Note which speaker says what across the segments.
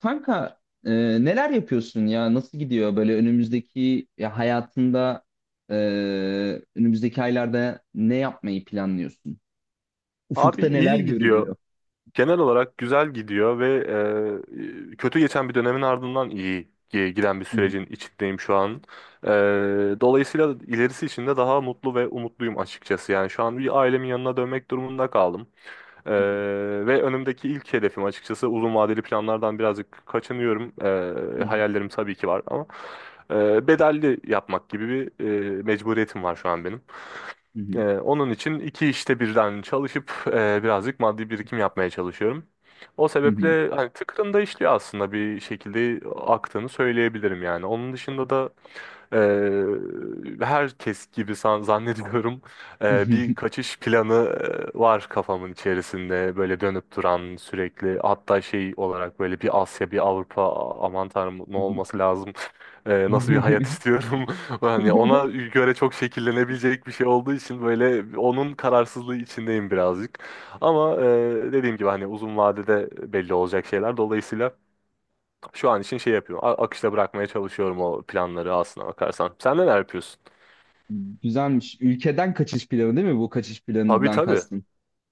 Speaker 1: Kanka neler yapıyorsun ya? Nasıl gidiyor böyle önümüzdeki ya hayatında e, önümüzdeki aylarda ne yapmayı planlıyorsun?
Speaker 2: Abi
Speaker 1: Ufukta neler
Speaker 2: iyi gidiyor.
Speaker 1: görünüyor?
Speaker 2: Genel olarak güzel gidiyor ve kötü geçen bir dönemin ardından giden bir
Speaker 1: Hı
Speaker 2: sürecin içindeyim şu an. E, Dolayısıyla ilerisi için de daha mutlu ve umutluyum açıkçası. Yani şu an bir ailemin yanına dönmek durumunda kaldım. E,
Speaker 1: hı,
Speaker 2: Ve önümdeki ilk hedefim açıkçası, uzun vadeli planlardan birazcık kaçınıyorum.
Speaker 1: hı hı,
Speaker 2: Hayallerim tabii ki var ama bedelli yapmak gibi bir mecburiyetim var şu an benim.
Speaker 1: hı hı,
Speaker 2: Onun için iki işte birden çalışıp birazcık maddi birikim yapmaya çalışıyorum. O
Speaker 1: hı hı,
Speaker 2: sebeple hani tıkırında işliyor, aslında bir şekilde aktığını söyleyebilirim yani. Onun dışında da ee, herkes gibi zannediyorum bir kaçış planı var kafamın içerisinde böyle dönüp duran sürekli, hatta şey olarak böyle bir Asya bir Avrupa aman tanrım ne
Speaker 1: hı hı,
Speaker 2: olması lazım. Nasıl bir hayat istiyorum hani ona göre çok şekillenebilecek bir şey olduğu için böyle onun kararsızlığı içindeyim birazcık, ama dediğim gibi hani uzun vadede belli olacak şeyler, dolayısıyla şu an için şey yapıyorum. Akışta bırakmaya çalışıyorum o planları, aslına bakarsan. Sen neler yapıyorsun?
Speaker 1: güzelmiş. Ülkeden kaçış planı değil mi? Bu kaçış
Speaker 2: Tabii,
Speaker 1: planından
Speaker 2: tabii.
Speaker 1: kastın.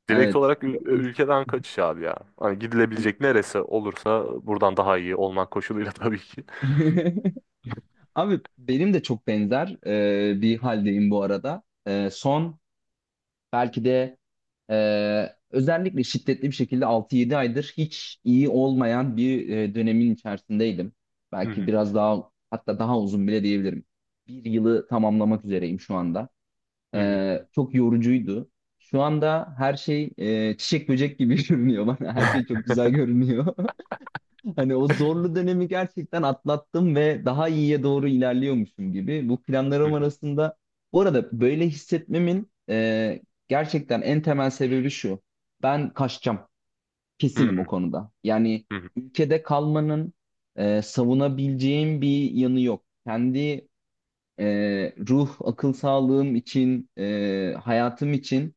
Speaker 2: Direkt
Speaker 1: Evet.
Speaker 2: olarak ülkeden kaçış abi ya. Hani gidilebilecek neresi olursa buradan daha iyi olmak koşuluyla tabii ki.
Speaker 1: Abi benim de çok benzer bir haldeyim bu arada. Son belki de özellikle şiddetli bir şekilde 6-7 aydır hiç iyi olmayan bir dönemin içerisindeydim.
Speaker 2: Hı
Speaker 1: Belki
Speaker 2: hı,
Speaker 1: biraz daha hatta daha uzun bile diyebilirim. Bir yılı tamamlamak üzereyim şu anda.
Speaker 2: hı hı.
Speaker 1: Çok yorucuydu. Şu anda her şey çiçek böcek gibi görünüyor bana. Her şey çok güzel görünüyor. Hani o zorlu dönemi gerçekten atlattım ve daha iyiye doğru ilerliyormuşum gibi. Bu
Speaker 2: Hı
Speaker 1: planlarım
Speaker 2: hı,
Speaker 1: arasında bu arada böyle hissetmemin gerçekten en temel sebebi şu. Ben kaçacağım.
Speaker 2: hı
Speaker 1: Kesinim o
Speaker 2: hı,
Speaker 1: konuda. Yani
Speaker 2: hı
Speaker 1: ülkede kalmanın savunabileceğim bir yanı yok. Kendi e, ruh, akıl sağlığım için, hayatım için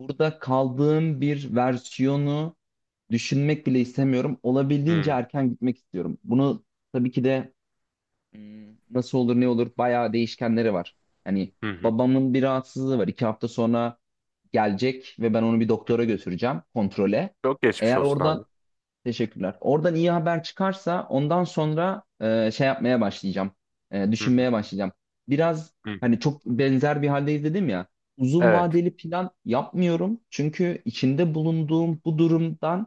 Speaker 1: burada kaldığım bir versiyonu düşünmek bile istemiyorum. Olabildiğince
Speaker 2: hı,
Speaker 1: erken gitmek istiyorum. Bunu tabii ki de nasıl olur ne olur bayağı değişkenleri var. Hani
Speaker 2: hı. Hı.
Speaker 1: babamın bir rahatsızlığı var. İki hafta sonra gelecek ve ben onu bir doktora götüreceğim kontrole.
Speaker 2: Çok geçmiş
Speaker 1: Eğer
Speaker 2: olsun
Speaker 1: oradan
Speaker 2: abi.
Speaker 1: teşekkürler. Oradan iyi haber çıkarsa ondan sonra şey yapmaya başlayacağım.
Speaker 2: Hı hı,
Speaker 1: Düşünmeye başlayacağım. Biraz
Speaker 2: hı hı.
Speaker 1: hani çok benzer bir haldeyiz dedim ya. Uzun
Speaker 2: Evet,
Speaker 1: vadeli plan yapmıyorum. Çünkü içinde bulunduğum bu durumdan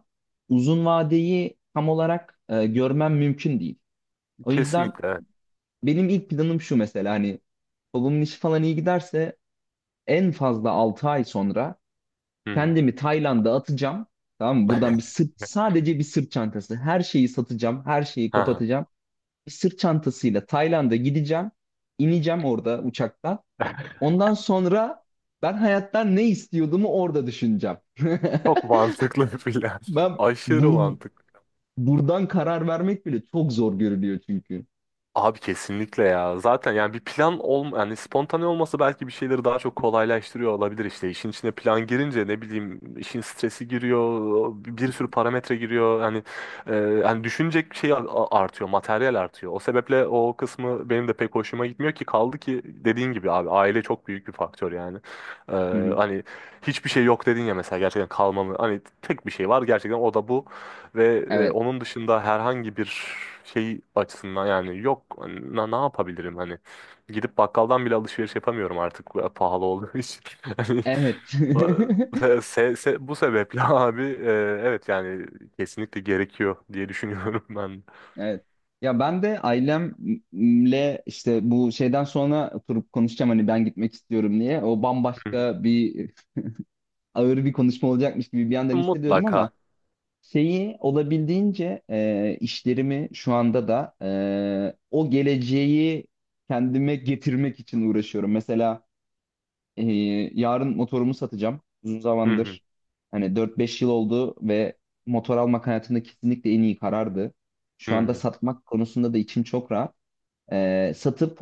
Speaker 1: uzun vadeyi tam olarak görmem mümkün değil. O yüzden
Speaker 2: kesinlikle evet.
Speaker 1: benim ilk planım şu mesela hani babamın işi falan iyi giderse en fazla 6 ay sonra
Speaker 2: Hı hı.
Speaker 1: kendimi Tayland'a atacağım. Tamam mı? Buradan bir sırt, sadece bir sırt çantası. Her şeyi satacağım, her şeyi
Speaker 2: Ha.
Speaker 1: kapatacağım. Bir sırt çantasıyla Tayland'a gideceğim. İneceğim orada uçaktan.
Speaker 2: Ha.
Speaker 1: Ondan sonra ben hayattan ne istiyordumu orada düşüneceğim.
Speaker 2: Çok mantıklı bir plan.
Speaker 1: Ben
Speaker 2: Aşırı
Speaker 1: bur-
Speaker 2: mantıklı.
Speaker 1: Buradan karar vermek bile çok zor görünüyor çünkü.
Speaker 2: Abi kesinlikle ya. Zaten yani bir plan yani spontane olması belki bir şeyleri daha çok kolaylaştırıyor olabilir işte. İşin içine plan girince ne bileyim işin stresi giriyor, bir sürü parametre giriyor. Yani yani düşünecek şey artıyor, materyal artıyor. O sebeple o kısmı benim de pek hoşuma gitmiyor ki, kaldı ki dediğin gibi abi aile çok büyük bir faktör yani. E,
Speaker 1: Hı hı.
Speaker 2: Hani hiçbir şey yok dedin ya mesela, gerçekten kalmamı. Hani tek bir şey var gerçekten, o da bu. Ve
Speaker 1: Evet.
Speaker 2: onun dışında herhangi bir şey açısından yani yok hani, ne yapabilirim hani, gidip bakkaldan bile alışveriş yapamıyorum artık pahalı olduğu için. Hani,
Speaker 1: Evet.
Speaker 2: bu sebeple abi evet yani kesinlikle gerekiyor diye düşünüyorum ben.
Speaker 1: Evet. Ya ben de ailemle işte bu şeyden sonra oturup konuşacağım hani ben gitmek istiyorum diye. O
Speaker 2: Hı hı.
Speaker 1: bambaşka bir ağır bir konuşma olacakmış gibi bir yandan hissediyorum ama
Speaker 2: Mutlaka.
Speaker 1: şeyi olabildiğince işlerimi şu anda da o geleceği kendime getirmek için uğraşıyorum. Mesela e, yarın motorumu satacağım. Uzun
Speaker 2: Hı hı,
Speaker 1: zamandır hani 4-5 yıl oldu ve motor almak hayatımda kesinlikle en iyi karardı.
Speaker 2: hı
Speaker 1: Şu anda
Speaker 2: hı,
Speaker 1: satmak konusunda da içim çok rahat, satıp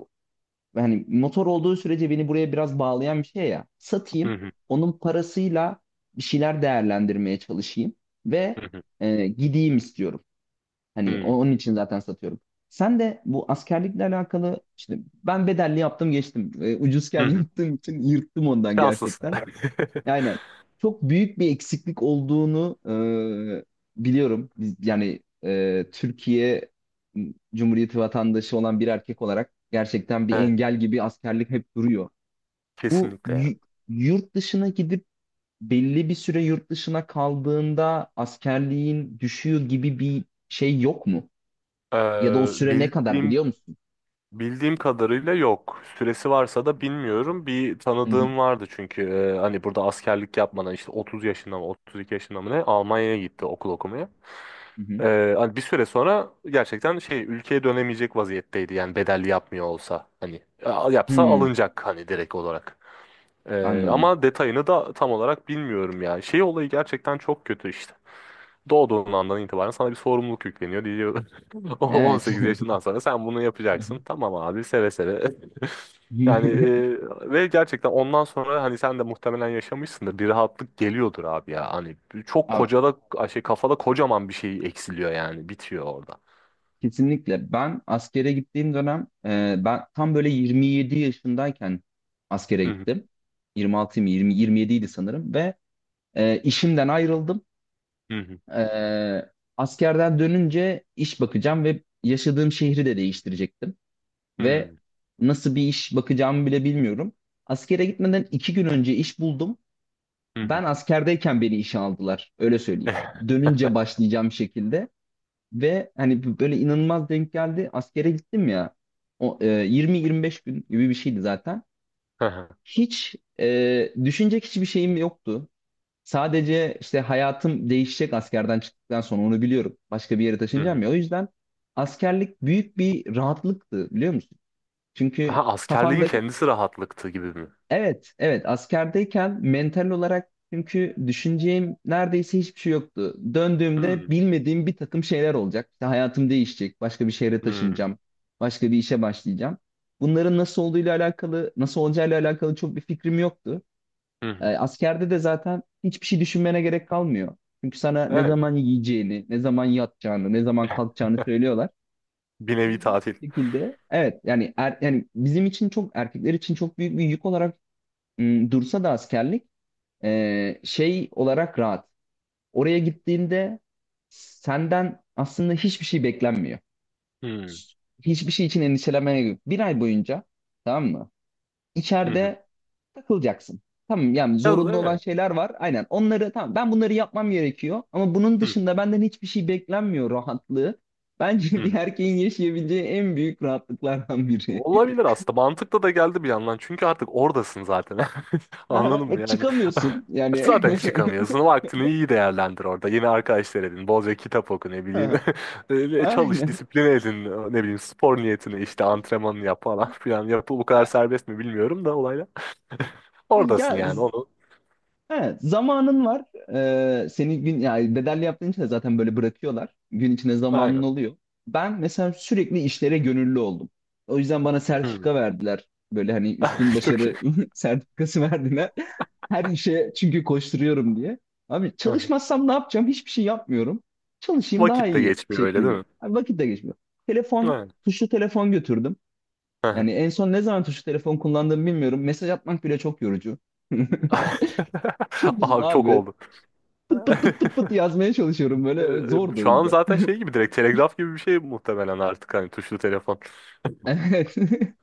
Speaker 1: hani motor olduğu sürece beni buraya biraz bağlayan bir şey ya.
Speaker 2: hı
Speaker 1: Satayım,
Speaker 2: hı,
Speaker 1: onun parasıyla bir şeyler değerlendirmeye çalışayım ve
Speaker 2: hı
Speaker 1: gideyim istiyorum. Hani
Speaker 2: hı,
Speaker 1: onun için zaten satıyorum. Sen de bu askerlikle alakalı işte ben bedelli yaptım geçtim.
Speaker 2: hı
Speaker 1: Ucuzken
Speaker 2: hı.
Speaker 1: yaptığım için yırttım ondan
Speaker 2: Şanslısın.
Speaker 1: gerçekten. Aynen. Çok büyük bir eksiklik olduğunu biliyorum. Biz, yani Türkiye Cumhuriyeti vatandaşı olan bir erkek olarak gerçekten bir
Speaker 2: Evet,
Speaker 1: engel gibi askerlik hep duruyor. Bu
Speaker 2: kesinlikle yani.
Speaker 1: y- Yurt dışına gidip belli bir süre yurt dışına kaldığında askerliğin düşüyor gibi bir şey yok mu? Ya da o
Speaker 2: Ee,
Speaker 1: süre ne kadar biliyor
Speaker 2: bildiğim
Speaker 1: musun?
Speaker 2: Bildiğim kadarıyla yok. Süresi varsa da bilmiyorum. Bir
Speaker 1: Hı hı.
Speaker 2: tanıdığım vardı çünkü hani burada askerlik yapmadan işte 30 yaşında mı 32 yaşında mı ne, Almanya'ya gitti okul okumaya.
Speaker 1: Hı hı.
Speaker 2: Hani bir süre sonra gerçekten şey, ülkeye dönemeyecek vaziyetteydi yani, bedelli yapmıyor olsa hani yapsa
Speaker 1: Hmm,
Speaker 2: alınacak hani, direkt olarak.
Speaker 1: anladım.
Speaker 2: Ama detayını da tam olarak bilmiyorum ya. Şey olayı gerçekten çok kötü işte. Doğduğun andan itibaren sana bir sorumluluk yükleniyor diyor. O
Speaker 1: Evet.
Speaker 2: 18 yaşından sonra sen bunu yapacaksın. Tamam abi, seve seve. Yani ve gerçekten ondan sonra hani sen de muhtemelen yaşamışsındır. Bir rahatlık geliyordur abi ya. Hani çok
Speaker 1: Abi,
Speaker 2: kocada şey, kafada kocaman bir şey eksiliyor, yani bitiyor orada.
Speaker 1: kesinlikle. Ben askere gittiğim dönem ben tam böyle 27 yaşındayken askere
Speaker 2: Hı hı,
Speaker 1: gittim. 26 mı 20 27 idi sanırım ve işimden ayrıldım.
Speaker 2: hı
Speaker 1: E, askerden dönünce iş bakacağım ve yaşadığım şehri de değiştirecektim ve
Speaker 2: hı,
Speaker 1: nasıl bir iş bakacağımı bile bilmiyorum. Askere gitmeden iki gün önce iş buldum.
Speaker 2: hı hı. Hı.
Speaker 1: Ben askerdeyken beni işe aldılar. Öyle söyleyeyim. Dönünce başlayacağım şekilde. Ve hani böyle inanılmaz denk geldi. Askere gittim ya. O 20-25 gün gibi bir şeydi zaten.
Speaker 2: Hı hı,
Speaker 1: Hiç düşünecek hiçbir şeyim yoktu. Sadece işte hayatım değişecek askerden çıktıktan sonra onu biliyorum. Başka bir yere
Speaker 2: hı
Speaker 1: taşınacağım
Speaker 2: hı.
Speaker 1: ya. O yüzden askerlik büyük bir rahatlıktı biliyor musun?
Speaker 2: Ha,
Speaker 1: Çünkü
Speaker 2: askerliğin
Speaker 1: kafanda
Speaker 2: kendisi rahatlıktı gibi mi?
Speaker 1: evet, evet. Askerdeyken mental olarak çünkü düşüneceğim neredeyse hiçbir şey yoktu. Döndüğümde
Speaker 2: Hı
Speaker 1: bilmediğim bir takım şeyler olacak. İşte hayatım değişecek. Başka bir şehre
Speaker 2: hı,
Speaker 1: taşınacağım. Başka bir işe başlayacağım. Bunların nasıl olduğuyla alakalı, nasıl olacağıyla alakalı çok bir fikrim yoktu.
Speaker 2: hı. Hı.
Speaker 1: Askerde de zaten hiçbir şey düşünmene gerek kalmıyor. Çünkü sana ne
Speaker 2: Evet.
Speaker 1: zaman yiyeceğini, ne zaman yatacağını, ne zaman kalkacağını söylüyorlar.
Speaker 2: Bir nevi
Speaker 1: İlginç
Speaker 2: tatil.
Speaker 1: bir şekilde evet yani yani bizim için çok erkekler için çok büyük bir yük olarak dursa da askerlik şey olarak rahat. Oraya gittiğinde senden aslında hiçbir şey beklenmiyor.
Speaker 2: Hı
Speaker 1: Hiçbir şey için endişelenmene gerek yok. Bir ay boyunca tamam mı?
Speaker 2: hı, hı.
Speaker 1: İçeride takılacaksın. Tamam yani
Speaker 2: Ya,
Speaker 1: zorunlu olan
Speaker 2: evet.
Speaker 1: şeyler var. Aynen onları tamam ben bunları yapmam gerekiyor. Ama bunun
Speaker 2: Hı
Speaker 1: dışında benden hiçbir şey beklenmiyor rahatlığı.
Speaker 2: hı.
Speaker 1: Bence bir
Speaker 2: Hı.
Speaker 1: erkeğin yaşayabileceği en büyük rahatlıklardan biri.
Speaker 2: Olabilir aslında. Mantıklı da geldi bir yandan. Çünkü artık oradasın zaten.
Speaker 1: Aha,
Speaker 2: Anladın mı
Speaker 1: ve
Speaker 2: yani?
Speaker 1: çıkamıyorsun yani.
Speaker 2: Zaten çıkamıyorsun. Vaktini iyi değerlendir orada. Yeni arkadaşlar edin. Bolca kitap oku, ne bileyim.
Speaker 1: Aha,
Speaker 2: Öyle çalış,
Speaker 1: aynen.
Speaker 2: disipline edin. Ne bileyim spor niyetine işte, antrenmanını yap falan filan. Yapı bu kadar serbest mi bilmiyorum da olayla. Oradasın
Speaker 1: Ya
Speaker 2: yani
Speaker 1: z-
Speaker 2: onu.
Speaker 1: evet, zamanın var. Seni gün yani bedelli yaptığın için de zaten böyle bırakıyorlar. Gün içinde zamanın
Speaker 2: Aynen.
Speaker 1: oluyor. Ben mesela sürekli işlere gönüllü oldum. O yüzden bana
Speaker 2: Hı.
Speaker 1: sertifika verdiler. Böyle hani üstün
Speaker 2: Çok iyi.
Speaker 1: başarı sertifikası verdiler. Her işe çünkü koşturuyorum diye. Abi çalışmazsam ne yapacağım? Hiçbir şey yapmıyorum. Çalışayım daha
Speaker 2: Vakit de
Speaker 1: iyi
Speaker 2: geçmiyor öyle
Speaker 1: şeklinde.
Speaker 2: değil mi?
Speaker 1: Abi vakit de geçmiyor. Telefon,
Speaker 2: Aynen.
Speaker 1: tuşlu telefon götürdüm. Yani en son ne zaman tuşlu telefon kullandığımı bilmiyorum. Mesaj atmak bile çok yorucu. Çok uzun
Speaker 2: Abi çok
Speaker 1: abi.
Speaker 2: oldu.
Speaker 1: Pıt pıt pıt pıt pıt yazmaya çalışıyorum
Speaker 2: Ee,
Speaker 1: böyle. Zordu o
Speaker 2: Şu an
Speaker 1: yüzden.
Speaker 2: zaten şey gibi direkt telegraf gibi bir şey muhtemelen artık, hani tuşlu telefon.
Speaker 1: Evet.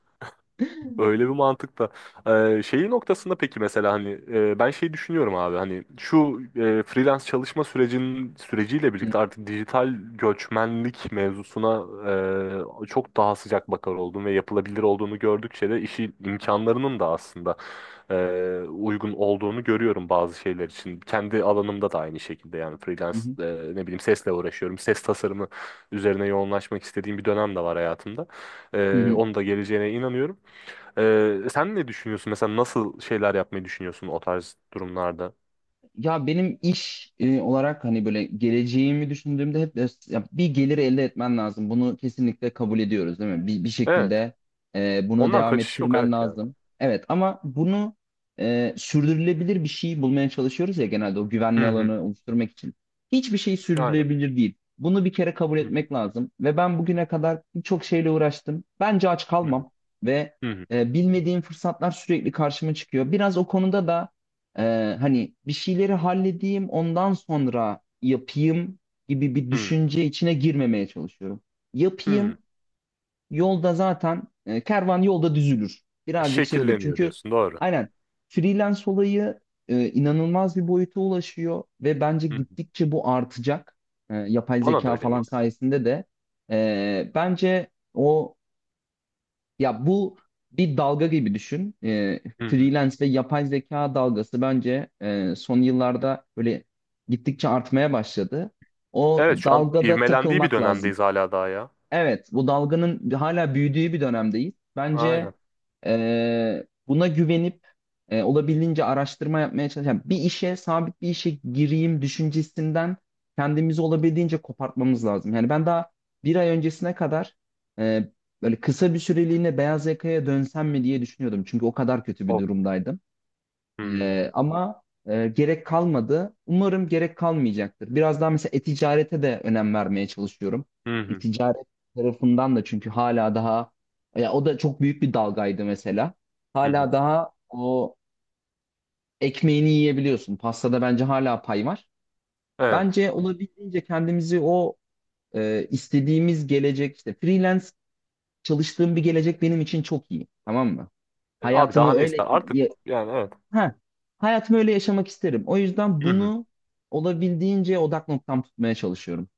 Speaker 2: Öyle bir mantıkta. Şeyi noktasında peki, mesela hani ben şey düşünüyorum abi, hani şu freelance çalışma sürecinin süreciyle
Speaker 1: Hı
Speaker 2: birlikte artık dijital göçmenlik mevzusuna çok daha sıcak bakar oldum ve yapılabilir olduğunu gördükçe de işi imkanlarının da aslında e, uygun olduğunu görüyorum bazı şeyler için. Kendi alanımda da aynı şekilde yani, freelance,
Speaker 1: hı.
Speaker 2: ne bileyim sesle uğraşıyorum. Ses tasarımı üzerine yoğunlaşmak istediğim bir dönem de var hayatımda.
Speaker 1: Hı hı.
Speaker 2: Onun da geleceğine inanıyorum. Sen ne düşünüyorsun? Mesela nasıl şeyler yapmayı düşünüyorsun o tarz durumlarda?
Speaker 1: Ya benim iş olarak hani böyle geleceğimi düşündüğümde ya bir gelir elde etmen lazım. Bunu kesinlikle kabul ediyoruz değil mi? Bir, bir
Speaker 2: Evet.
Speaker 1: şekilde bunu
Speaker 2: Ondan
Speaker 1: devam
Speaker 2: kaçış yok,
Speaker 1: ettirmen
Speaker 2: evet yani.
Speaker 1: lazım. Evet ama bunu sürdürülebilir bir şey bulmaya çalışıyoruz ya genelde o güvenli
Speaker 2: Hı hı.
Speaker 1: alanı oluşturmak için. Hiçbir şey
Speaker 2: Aynen.
Speaker 1: sürdürülebilir değil. Bunu bir kere kabul
Speaker 2: Hı hı.
Speaker 1: etmek lazım. Ve ben bugüne kadar birçok şeyle uğraştım. Bence aç
Speaker 2: Hı hı.
Speaker 1: kalmam ve bilmediğim fırsatlar sürekli karşıma çıkıyor. Biraz o konuda da hani bir şeyleri halledeyim ondan sonra yapayım gibi bir
Speaker 2: Hı hı.
Speaker 1: düşünce içine girmemeye çalışıyorum.
Speaker 2: Hı.
Speaker 1: Yapayım yolda zaten kervan yolda düzülür. Birazcık şey olur
Speaker 2: Şekilleniyor
Speaker 1: çünkü
Speaker 2: diyorsun. Doğru.
Speaker 1: aynen freelance olayı inanılmaz bir boyuta ulaşıyor ve bence
Speaker 2: Hı hı.
Speaker 1: gittikçe bu artacak. Yapay
Speaker 2: Bana da
Speaker 1: zeka
Speaker 2: öyle
Speaker 1: falan
Speaker 2: geliyor.
Speaker 1: sayesinde de bence o ya bu bir dalga gibi düşün.
Speaker 2: Hı hı.
Speaker 1: Freelance ve yapay zeka dalgası bence son yıllarda böyle gittikçe artmaya başladı. O
Speaker 2: Evet, şu an
Speaker 1: dalgada
Speaker 2: ivmelendiği bir
Speaker 1: takılmak lazım.
Speaker 2: dönemdeyiz hala daha ya.
Speaker 1: Evet, bu dalganın hala büyüdüğü bir dönemdeyiz.
Speaker 2: Aynen.
Speaker 1: Bence buna güvenip olabildiğince araştırma yapmaya çalışan bir işe, sabit bir işe gireyim düşüncesinden kendimizi olabildiğince kopartmamız lazım. Yani ben daha bir ay öncesine kadar e, böyle kısa bir süreliğine beyaz yakaya dönsem mi diye düşünüyordum. Çünkü o kadar kötü bir
Speaker 2: O.
Speaker 1: durumdaydım.
Speaker 2: Hı.
Speaker 1: Ama gerek kalmadı. Umarım gerek kalmayacaktır. Biraz daha mesela e-ticarete de önem vermeye çalışıyorum.
Speaker 2: Hı hı.
Speaker 1: E-ticaret tarafından da çünkü hala daha ya o da çok büyük bir dalgaydı mesela.
Speaker 2: Hı hı.
Speaker 1: Hala daha o ekmeğini yiyebiliyorsun. Pastada bence hala pay var.
Speaker 2: Evet.
Speaker 1: Bence olabildiğince kendimizi o istediğimiz gelecek işte freelance çalıştığım bir gelecek benim için çok iyi. Tamam mı?
Speaker 2: Abi
Speaker 1: Hayatımı
Speaker 2: daha ne
Speaker 1: öyle
Speaker 2: ister? Artık yani, evet.
Speaker 1: ha, hayatımı öyle yaşamak isterim. O yüzden
Speaker 2: Hı hı.
Speaker 1: bunu olabildiğince odak noktam tutmaya çalışıyorum.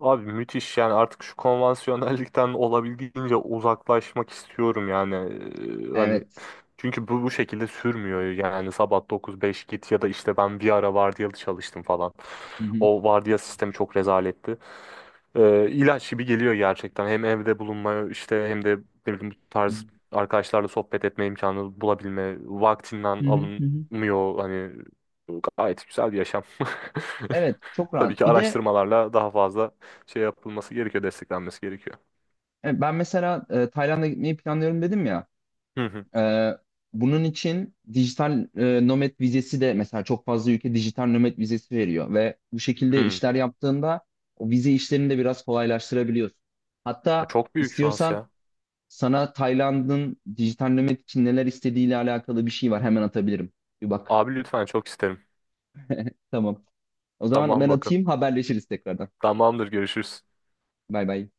Speaker 2: Abi müthiş, yani artık şu konvansiyonellikten olabildiğince uzaklaşmak istiyorum yani. Hani
Speaker 1: Evet.
Speaker 2: çünkü bu şekilde sürmüyor yani, sabah 9-5 git, ya da işte ben bir ara vardiyalı çalıştım falan.
Speaker 1: Hı hı.
Speaker 2: O vardiya sistemi çok rezaletti. İlaç gibi geliyor gerçekten, hem evde bulunmaya işte, hem de ne bileyim bu
Speaker 1: Hı
Speaker 2: tarz arkadaşlarla sohbet etme imkanı bulabilme
Speaker 1: hı
Speaker 2: vaktinden
Speaker 1: hı. Hı.
Speaker 2: alınmıyor hani, gayet güzel bir yaşam.
Speaker 1: Evet, çok
Speaker 2: Tabii
Speaker 1: rahat.
Speaker 2: ki
Speaker 1: Bir de
Speaker 2: araştırmalarla daha fazla şey yapılması gerekiyor, desteklenmesi gerekiyor.
Speaker 1: ben mesela Tayland'a gitmeyi planlıyorum dedim ya.
Speaker 2: Hı hı.
Speaker 1: E, bunun için dijital nomad vizesi de mesela çok fazla ülke dijital nomad vizesi veriyor ve bu şekilde
Speaker 2: Hı.
Speaker 1: işler yaptığında o vize işlerini de biraz kolaylaştırabiliyorsun. Hatta
Speaker 2: Çok büyük şans
Speaker 1: istiyorsan
Speaker 2: ya.
Speaker 1: sana Tayland'ın dijitallemek için neler istediğiyle alakalı bir şey var. Hemen atabilirim. Bir bak.
Speaker 2: Abi lütfen, çok isterim.
Speaker 1: Tamam. O zaman
Speaker 2: Tamam
Speaker 1: ben
Speaker 2: bakın.
Speaker 1: atayım haberleşiriz tekrardan.
Speaker 2: Tamamdır, görüşürüz.
Speaker 1: Bay bay.